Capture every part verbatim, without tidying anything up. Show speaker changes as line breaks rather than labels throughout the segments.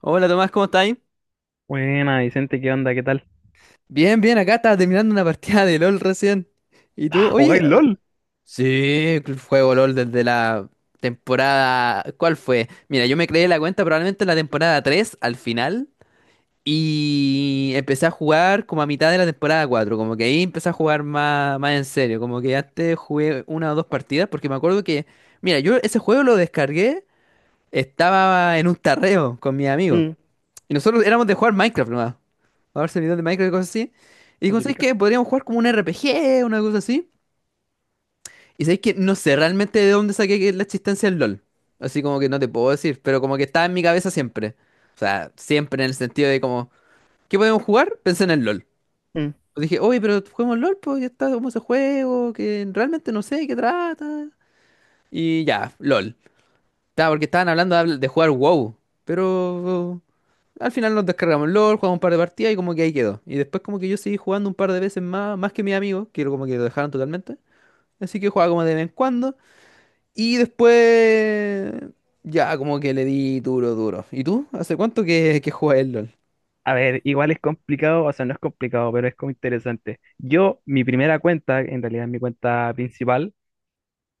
Hola Tomás, ¿cómo estás?
Buena, Vicente, ¿qué onda? ¿Qué tal?
Bien, bien, acá estaba terminando una partida de LOL recién. ¿Y tú?
Ah,
Oye,
¿jugáis
eh,
LOL?
sí, juego LOL desde la temporada... ¿Cuál fue? Mira, yo me creé la cuenta probablemente en la temporada tres, al final, y empecé a jugar como a mitad de la temporada cuatro, como que ahí empecé a jugar más, más en serio, como que antes jugué una o dos partidas porque me acuerdo que, mira, yo ese juego lo descargué, estaba en un tarreo con mis amigos.
Mm.
Y nosotros éramos de jugar Minecraft nomás. A ver servidores de Minecraft y cosas así. Y
La
digo, ¿sabes
típica.
qué? Podríamos jugar como un R P G, una cosa así. Y sabes que no sé realmente de dónde saqué que la existencia del LOL. Así como que no te puedo decir, pero como que estaba en mi cabeza siempre. O sea, siempre en el sentido de como, ¿qué podemos jugar? Pensé en el LOL.
mm.
Pues dije, oye, pero juguemos LOL, pues ya está como ese juego, que realmente no sé de qué trata. Y ya, LOL. Estaba porque estaban hablando de habl- de jugar WoW. Pero al final nos descargamos el LOL, jugamos un par de partidas y como que ahí quedó. Y después como que yo seguí jugando un par de veces más, más que mis amigos, que como que lo dejaron totalmente. Así que jugaba como de vez en cuando. Y después ya como que le di duro, duro. ¿Y tú? ¿Hace cuánto que, que juegas el LOL?
A ver, igual es complicado, o sea, no es complicado, pero es como interesante. Yo, mi primera cuenta, en realidad es mi cuenta principal.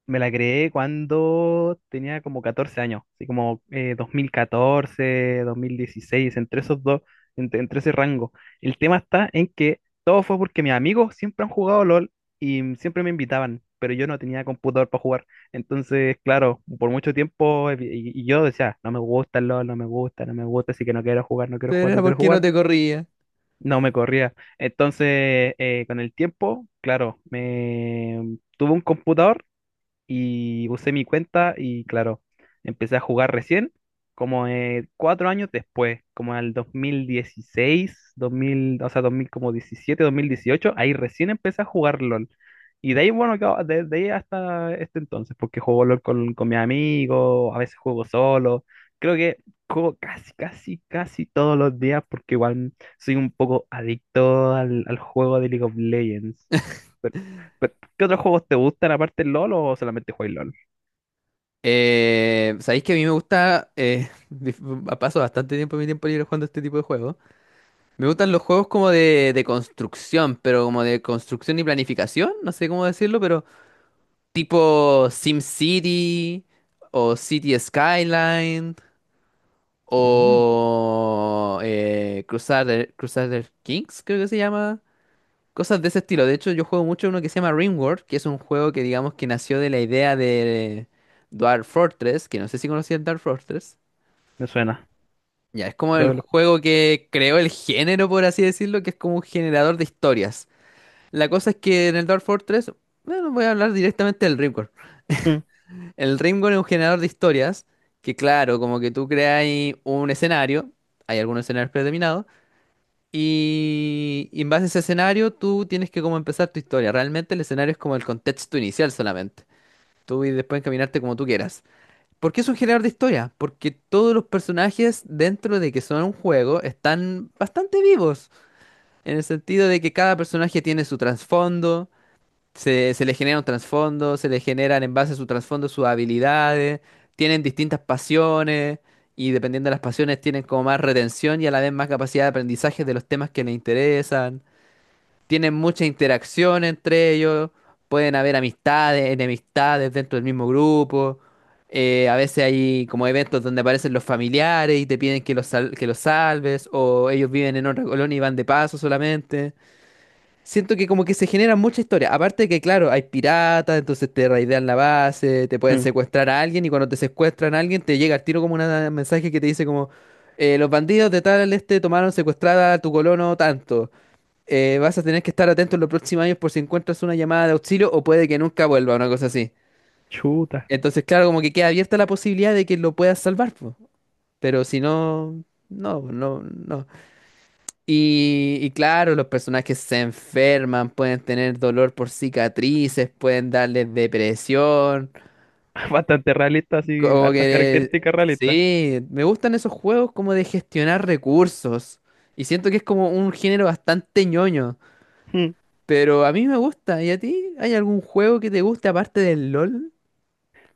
Me la creé cuando tenía como catorce años, así como eh, dos mil catorce, dos mil dieciséis, entre esos dos, entre, entre ese rango. El tema está en que todo fue porque mis amigos siempre han jugado LOL y siempre me invitaban, pero yo no tenía computador para jugar. Entonces, claro, por mucho tiempo eh, y, y yo decía, no me gusta el LOL, no me gusta, no me gusta, así que no quiero jugar, no quiero
Pero
jugar, no
era
quiero
porque no
jugar.
te corría.
No me corría. Entonces, eh, con el tiempo, claro, me tuve un computador y usé mi cuenta y claro, empecé a jugar recién, como eh, cuatro años después, como al dos mil dieciséis, dos mil, o sea, dos mil, como diecisiete, dos mil dieciocho, ahí recién empecé a jugar LOL. Y de ahí, bueno, que- a- de, de ahí hasta este entonces, porque juego LOL con, con mis amigos, a veces juego solo, creo que juego casi, casi, casi todos los días, porque igual soy un poco adicto al, al juego de League of Legends. Pero- pero, ¿qué otros juegos te gustan aparte del LOL o solamente juegas LOL?
Eh, sabéis que a mí me gusta, eh, paso bastante tiempo de mi tiempo libre jugando este tipo de juegos. Me gustan los juegos como de, de construcción, pero como de construcción y planificación, no sé cómo decirlo, pero... tipo SimCity o City Skyline
Mm,
o eh, Crusader, Crusader Kings, creo que se llama. Cosas de ese estilo. De hecho, yo juego mucho uno que se llama RimWorld, que es un juego que digamos que nació de la idea de Dwarf Fortress, que no sé si conocías Dwarf Fortress.
me suena,
Ya, es como
creo
el
que lo...
juego que creó el género, por así decirlo, que es como un generador de historias. La cosa es que en el Dwarf Fortress, bueno, voy a hablar directamente del RimWorld.
Mm,
El Rimworld es un generador de historias que, claro, como que tú creas un escenario, hay algunos escenarios predeterminados, y, y en base a ese escenario tú tienes que como empezar tu historia. Realmente el escenario es como el contexto inicial solamente. Tú y después encaminarte como tú quieras. ¿Por qué es un generador de historia? Porque todos los personajes dentro de que son un juego están bastante vivos, en el sentido de que cada personaje tiene su trasfondo. Se, se le genera un trasfondo, se le generan en base a su trasfondo sus habilidades, tienen distintas pasiones y dependiendo de las pasiones tienen como más retención y a la vez más capacidad de aprendizaje de los temas que les interesan. Tienen mucha interacción entre ellos, pueden haber amistades, enemistades dentro del mismo grupo. Eh, a veces hay como eventos donde aparecen los familiares y te piden que los, sal- que los salves, o ellos viven en otra colonia y van de paso solamente. Siento que como que se genera mucha historia. Aparte de que, claro, hay piratas, entonces te raidean la base, te pueden
mm,
secuestrar a alguien y cuando te secuestran a alguien te llega al tiro como una- un mensaje que te dice como eh, los bandidos de tal este tomaron secuestrada a tu colono tanto. Eh, vas a tener que estar atento en los próximos años por si encuentras una llamada de auxilio o puede que nunca vuelva, una cosa así.
chuta.
Entonces, claro, como que queda abierta la posibilidad de que lo puedas salvar, po. Pero si no, no, no, no. Y, y claro, los personajes se enferman, pueden tener dolor por cicatrices, pueden darles depresión,
Bastante realista, así,
como
hartas
que...
características realistas.
Sí, me gustan esos juegos como de gestionar recursos. Y siento que es como un género bastante ñoño,
Mm.
pero a mí me gusta. ¿Y a ti? ¿Hay algún juego que te guste aparte del LOL?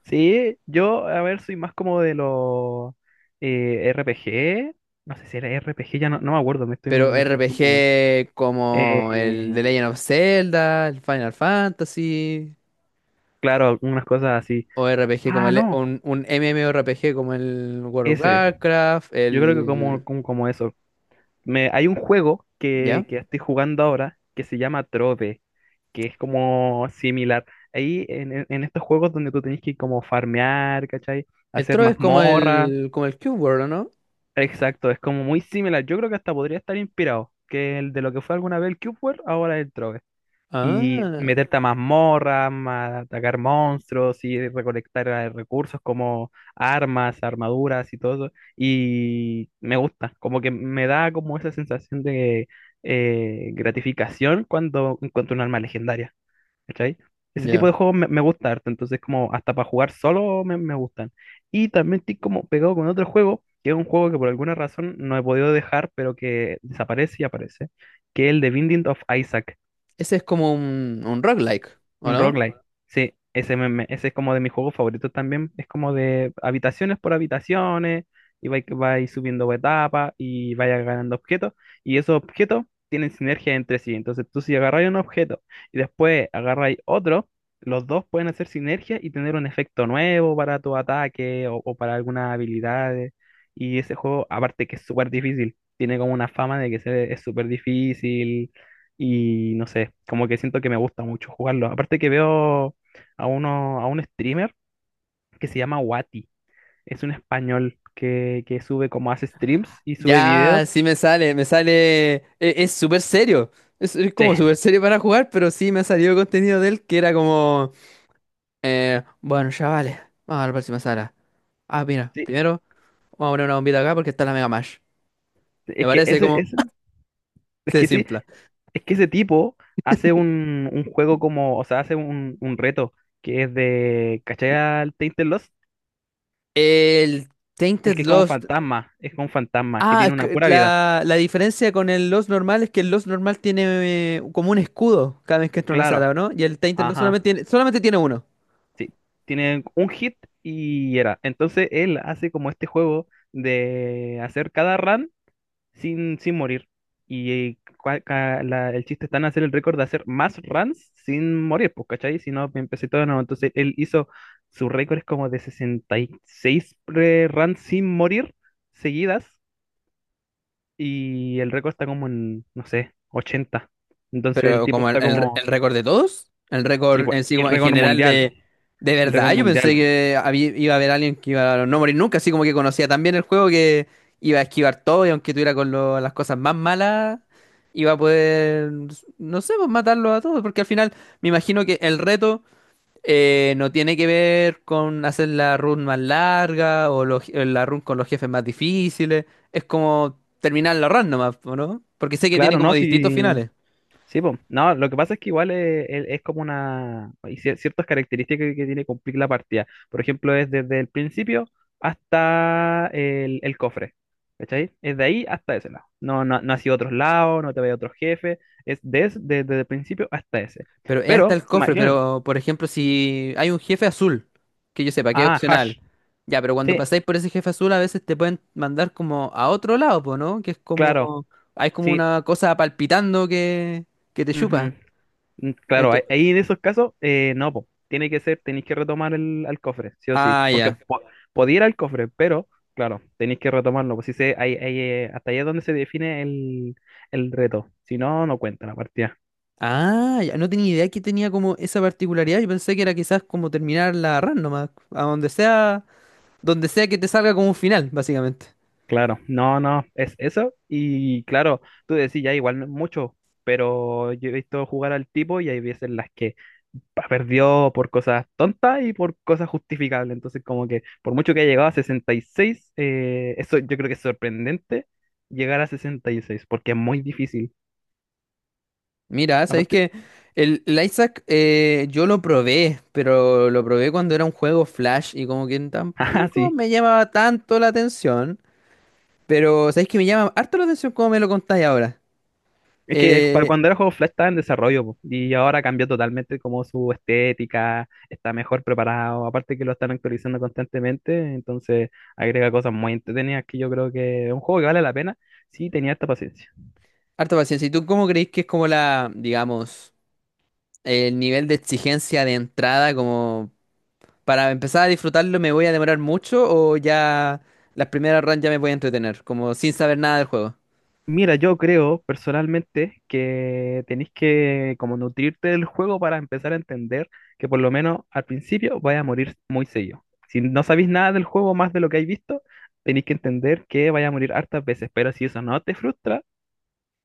Sí, yo, a ver, soy más como de los eh, R P G. No sé si era R P G, ya no, no me acuerdo, me estoy,
Pero
me estoy como...
R P G como el
eh,
The Legend of Zelda, el Final Fantasy.
claro, algunas cosas así.
O R P G como
Ah,
el,
no,
un, un M M O R P G como el World of
ese.
Warcraft,
Yo creo que como,
el...
como, como eso. Me, hay un juego
¿Ya?
que, que estoy jugando ahora que se llama Trove, que es como similar. Ahí en, en- en estos juegos donde tú tenés que como farmear, ¿cachai?
El
Hacer
Trove es como
mazmorra.
el, como el Cube World, ¿o no?
Exacto, es como muy similar. Yo creo que hasta podría estar inspirado, que el de lo que fue alguna vez el Cube World, ahora es el Trove y
Ah,
meterte a mazmorras, ma- atacar monstruos y recolectar eh, recursos como armas, armaduras y todo eso. Y me gusta, como que me da como esa sensación de eh, gratificación cuando encuentro un arma legendaria, ¿cachai? Ese
ya.
tipo de juegos me, me gusta harto, entonces como hasta para jugar solo me, me gustan. Y también estoy como pegado con otro juego, que es un juego que por alguna razón no he podido dejar, pero que desaparece y aparece, que es el de Binding of Isaac.
Ese es como un, un roguelike, ¿o
Un
no?
roguelike. Sí, ese, me- me- ese es como de mis juegos favoritos también. Es como de habitaciones por habitaciones y vais vais subiendo etapas y vayas ganando objetos. Y esos objetos tienen sinergia entre sí. Entonces tú si agarráis un objeto y después agarráis otro, los dos pueden hacer sinergia y tener un efecto nuevo para tu ataque o, o para algunas habilidades. Y ese juego, aparte que es súper difícil, tiene como una fama de que se- es súper difícil y no sé, como que siento que me gusta mucho jugarlo. Aparte que veo a uno, a un streamer que se llama Wati. Es un español que, que sube como hace streams y sube
Ya,
videos.
sí me sale, me sale... e- Es súper serio. Es, es
Sí,
como súper serio para jugar, pero sí me ha salido contenido de él que era como... eh, bueno, chavales, vamos a la próxima sala. Ah, mira,
sí.
primero vamos a poner una bombita acá porque está la Mega Mash. Me
Es que
parece
ese,
como...
ese- es
Se
que sí,
simpla.
es que ese tipo hace un, un juego como, o sea, hace un, un reto que es de, ¿cachai al Tainted Lost?
El
El
Tainted
que es como un
Lost.
fantasma, es como un fantasma, que
Ah,
tiene una
c-
pura vida.
la, la diferencia con el Lost normal es que el Lost normal tiene eh, como un escudo cada vez que entra a una
Claro.
sala, ¿o no? Y el Tainted Lost
Ajá.
solamente tiene, solamente tiene uno.
Tiene un hit y era. Entonces él hace como este juego de hacer cada run sin, sin morir. Y cua- ca- la- el chiste está en hacer el récord de hacer más runs sin morir, pues, ¿cachai? Si no, empecé todo de nuevo. Entonces él hizo, su récord es como de sesenta y seis pre- runs sin morir seguidas. Y el récord está como en, no sé, ochenta. Entonces el
Pero
tipo
como el,
está
el re- el
como,
récord de todos, el
sí,
récord
pues,
en sí
el
como en
récord
general
mundial.
de... De
El
verdad,
récord
yo pensé
mundial.
que había- iba a haber alguien que iba a no morir nunca, así como que conocía tan bien el juego que iba a esquivar todo y aunque tuviera con lo- las cosas más malas, iba a poder, no sé, pues, matarlo a todos, porque al final me imagino que el reto... Eh, no tiene que ver con hacer la run más larga o los- eh, la run con los jefes más difíciles. Es como terminar la run nomás, ¿o no? Porque sé que tiene
Claro,
como
¿no?
distintos
Sí,
finales.
sí, po. No, lo que pasa es que igual es, es- es como una... Hay cier- ciertas características que tiene que cumplir la partida. Por ejemplo, es desde el principio hasta el, el cofre. ¿Cachai? Es de ahí hasta ese lado. No, no, no ha sido otros lados, no te vaya a otros jefes. Es des- desde el principio hasta ese.
Pero es hasta
Pero,
el cofre.
imaginen.
Pero, por ejemplo, si hay un jefe azul, que yo sepa que es
Ah,
opcional.
Hash.
Ya, pero cuando
Sí,
pasáis por ese jefe azul, a veces te pueden mandar como a otro lado, po, ¿no? Que es
claro.
como. Hay como
Sí.
una cosa palpitando que, que te chupa.
Mm, claro, ahí
Ento-
ahí en esos casos, eh, no, po. Tiene que ser, tenéis que retomar el, al cofre, sí o sí,
ah,
porque
ya.
po- podía ir al cofre, pero claro, tenéis que retomarlo, pues si se, ahí, ahí, eh, hasta ahí es donde se define el, el reto, si no, no cuenta la partida,
Ah, ya no tenía idea que tenía como esa particularidad. Yo pensé que era quizás como terminar la run nomás, a donde sea, donde sea que te salga como un final, básicamente.
claro, no, no, es eso, y claro, tú decís, ya igual no es mucho, pero yo he visto jugar al tipo y hay veces en las que perdió por cosas tontas y por cosas justificables. Entonces, como que por mucho que haya llegado a sesenta y seis, eh, eso yo creo que es sorprendente, llegar a sesenta y seis porque es muy difícil.
Mira, sabéis
Aparte,
que el, el Isaac, eh, yo lo probé, pero lo probé cuando era un juego Flash y como que
ajá,
tampoco
sí.
me llamaba tanto la atención. Pero sabéis que me llama harto la atención como me lo contáis ahora.
Es que para
Eh,
cuando era juego Flash estaba en desarrollo, po, y ahora cambió totalmente como su estética, está mejor preparado, aparte que lo están actualizando constantemente, entonces agrega cosas muy entretenidas que yo creo que es un juego que vale la pena si tenía esta paciencia.
harto paciencia. ¿Y tú cómo creéis que es como la, digamos, el nivel de exigencia de entrada como para empezar a disfrutarlo? ¿Me voy a demorar mucho o ya las primeras runs ya me voy a entretener? Como sin saber nada del juego.
Mira, yo creo personalmente que tenéis que como nutrirte del juego para empezar a entender que por lo menos al principio vais a morir muy seguido. Si no sabéis nada del juego más de lo que habéis visto, tenéis que entender que vais a morir hartas veces, pero si eso no te frustra,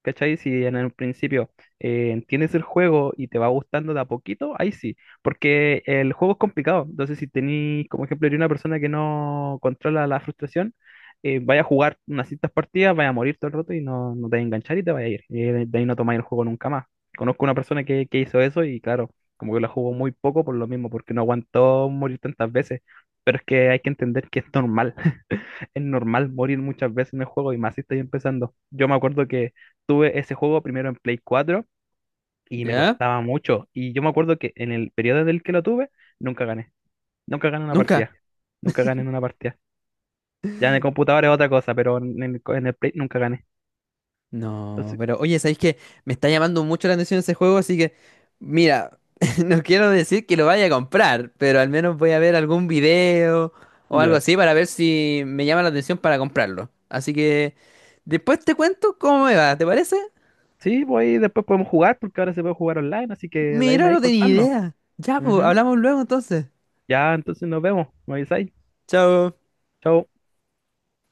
¿cachai? Si en el principio eh, entiendes el juego y te va gustando de a poquito, ahí sí, porque el juego es complicado. Entonces, si tenéis, como ejemplo, eres una persona que no controla la frustración, eh, vaya a jugar unas ciertas partidas, vaya a morir todo el rato y no, no te va a enganchar y te vaya a ir. Y de de ahí no tomáis el juego nunca más. Conozco una persona que, que hizo eso y claro, como que la jugó muy poco por lo mismo, porque no aguantó morir tantas veces. Pero es que hay que entender que es normal, es normal morir muchas veces en el juego y más si estoy empezando. Yo me acuerdo que tuve ese juego primero en Play cuatro y me
¿Ya?
costaba mucho. Y yo me acuerdo que en el periodo del que lo tuve, nunca gané. Nunca gané una
¿Nunca?
partida. Nunca gané en una partida. Ya en el computador es otra cosa, pero en el, co- en el Play nunca gané.
No,
Entonces,
pero oye, ¿sabéis que me está llamando mucho la atención ese juego? Así que, mira, no quiero decir que lo vaya a comprar, pero al menos voy a ver algún video o algo
ya.
así para ver si me llama la atención para comprarlo. Así que después te cuento cómo me va, ¿te parece?
Sí, pues ahí después podemos jugar porque ahora se puede jugar online, así que de ahí
Mira,
me vais
no tenía
contando.
idea. Ya, pues,
Ujú.
hablamos luego entonces.
Ya, entonces nos vemos. Me avisáis.
Chao.
Chao.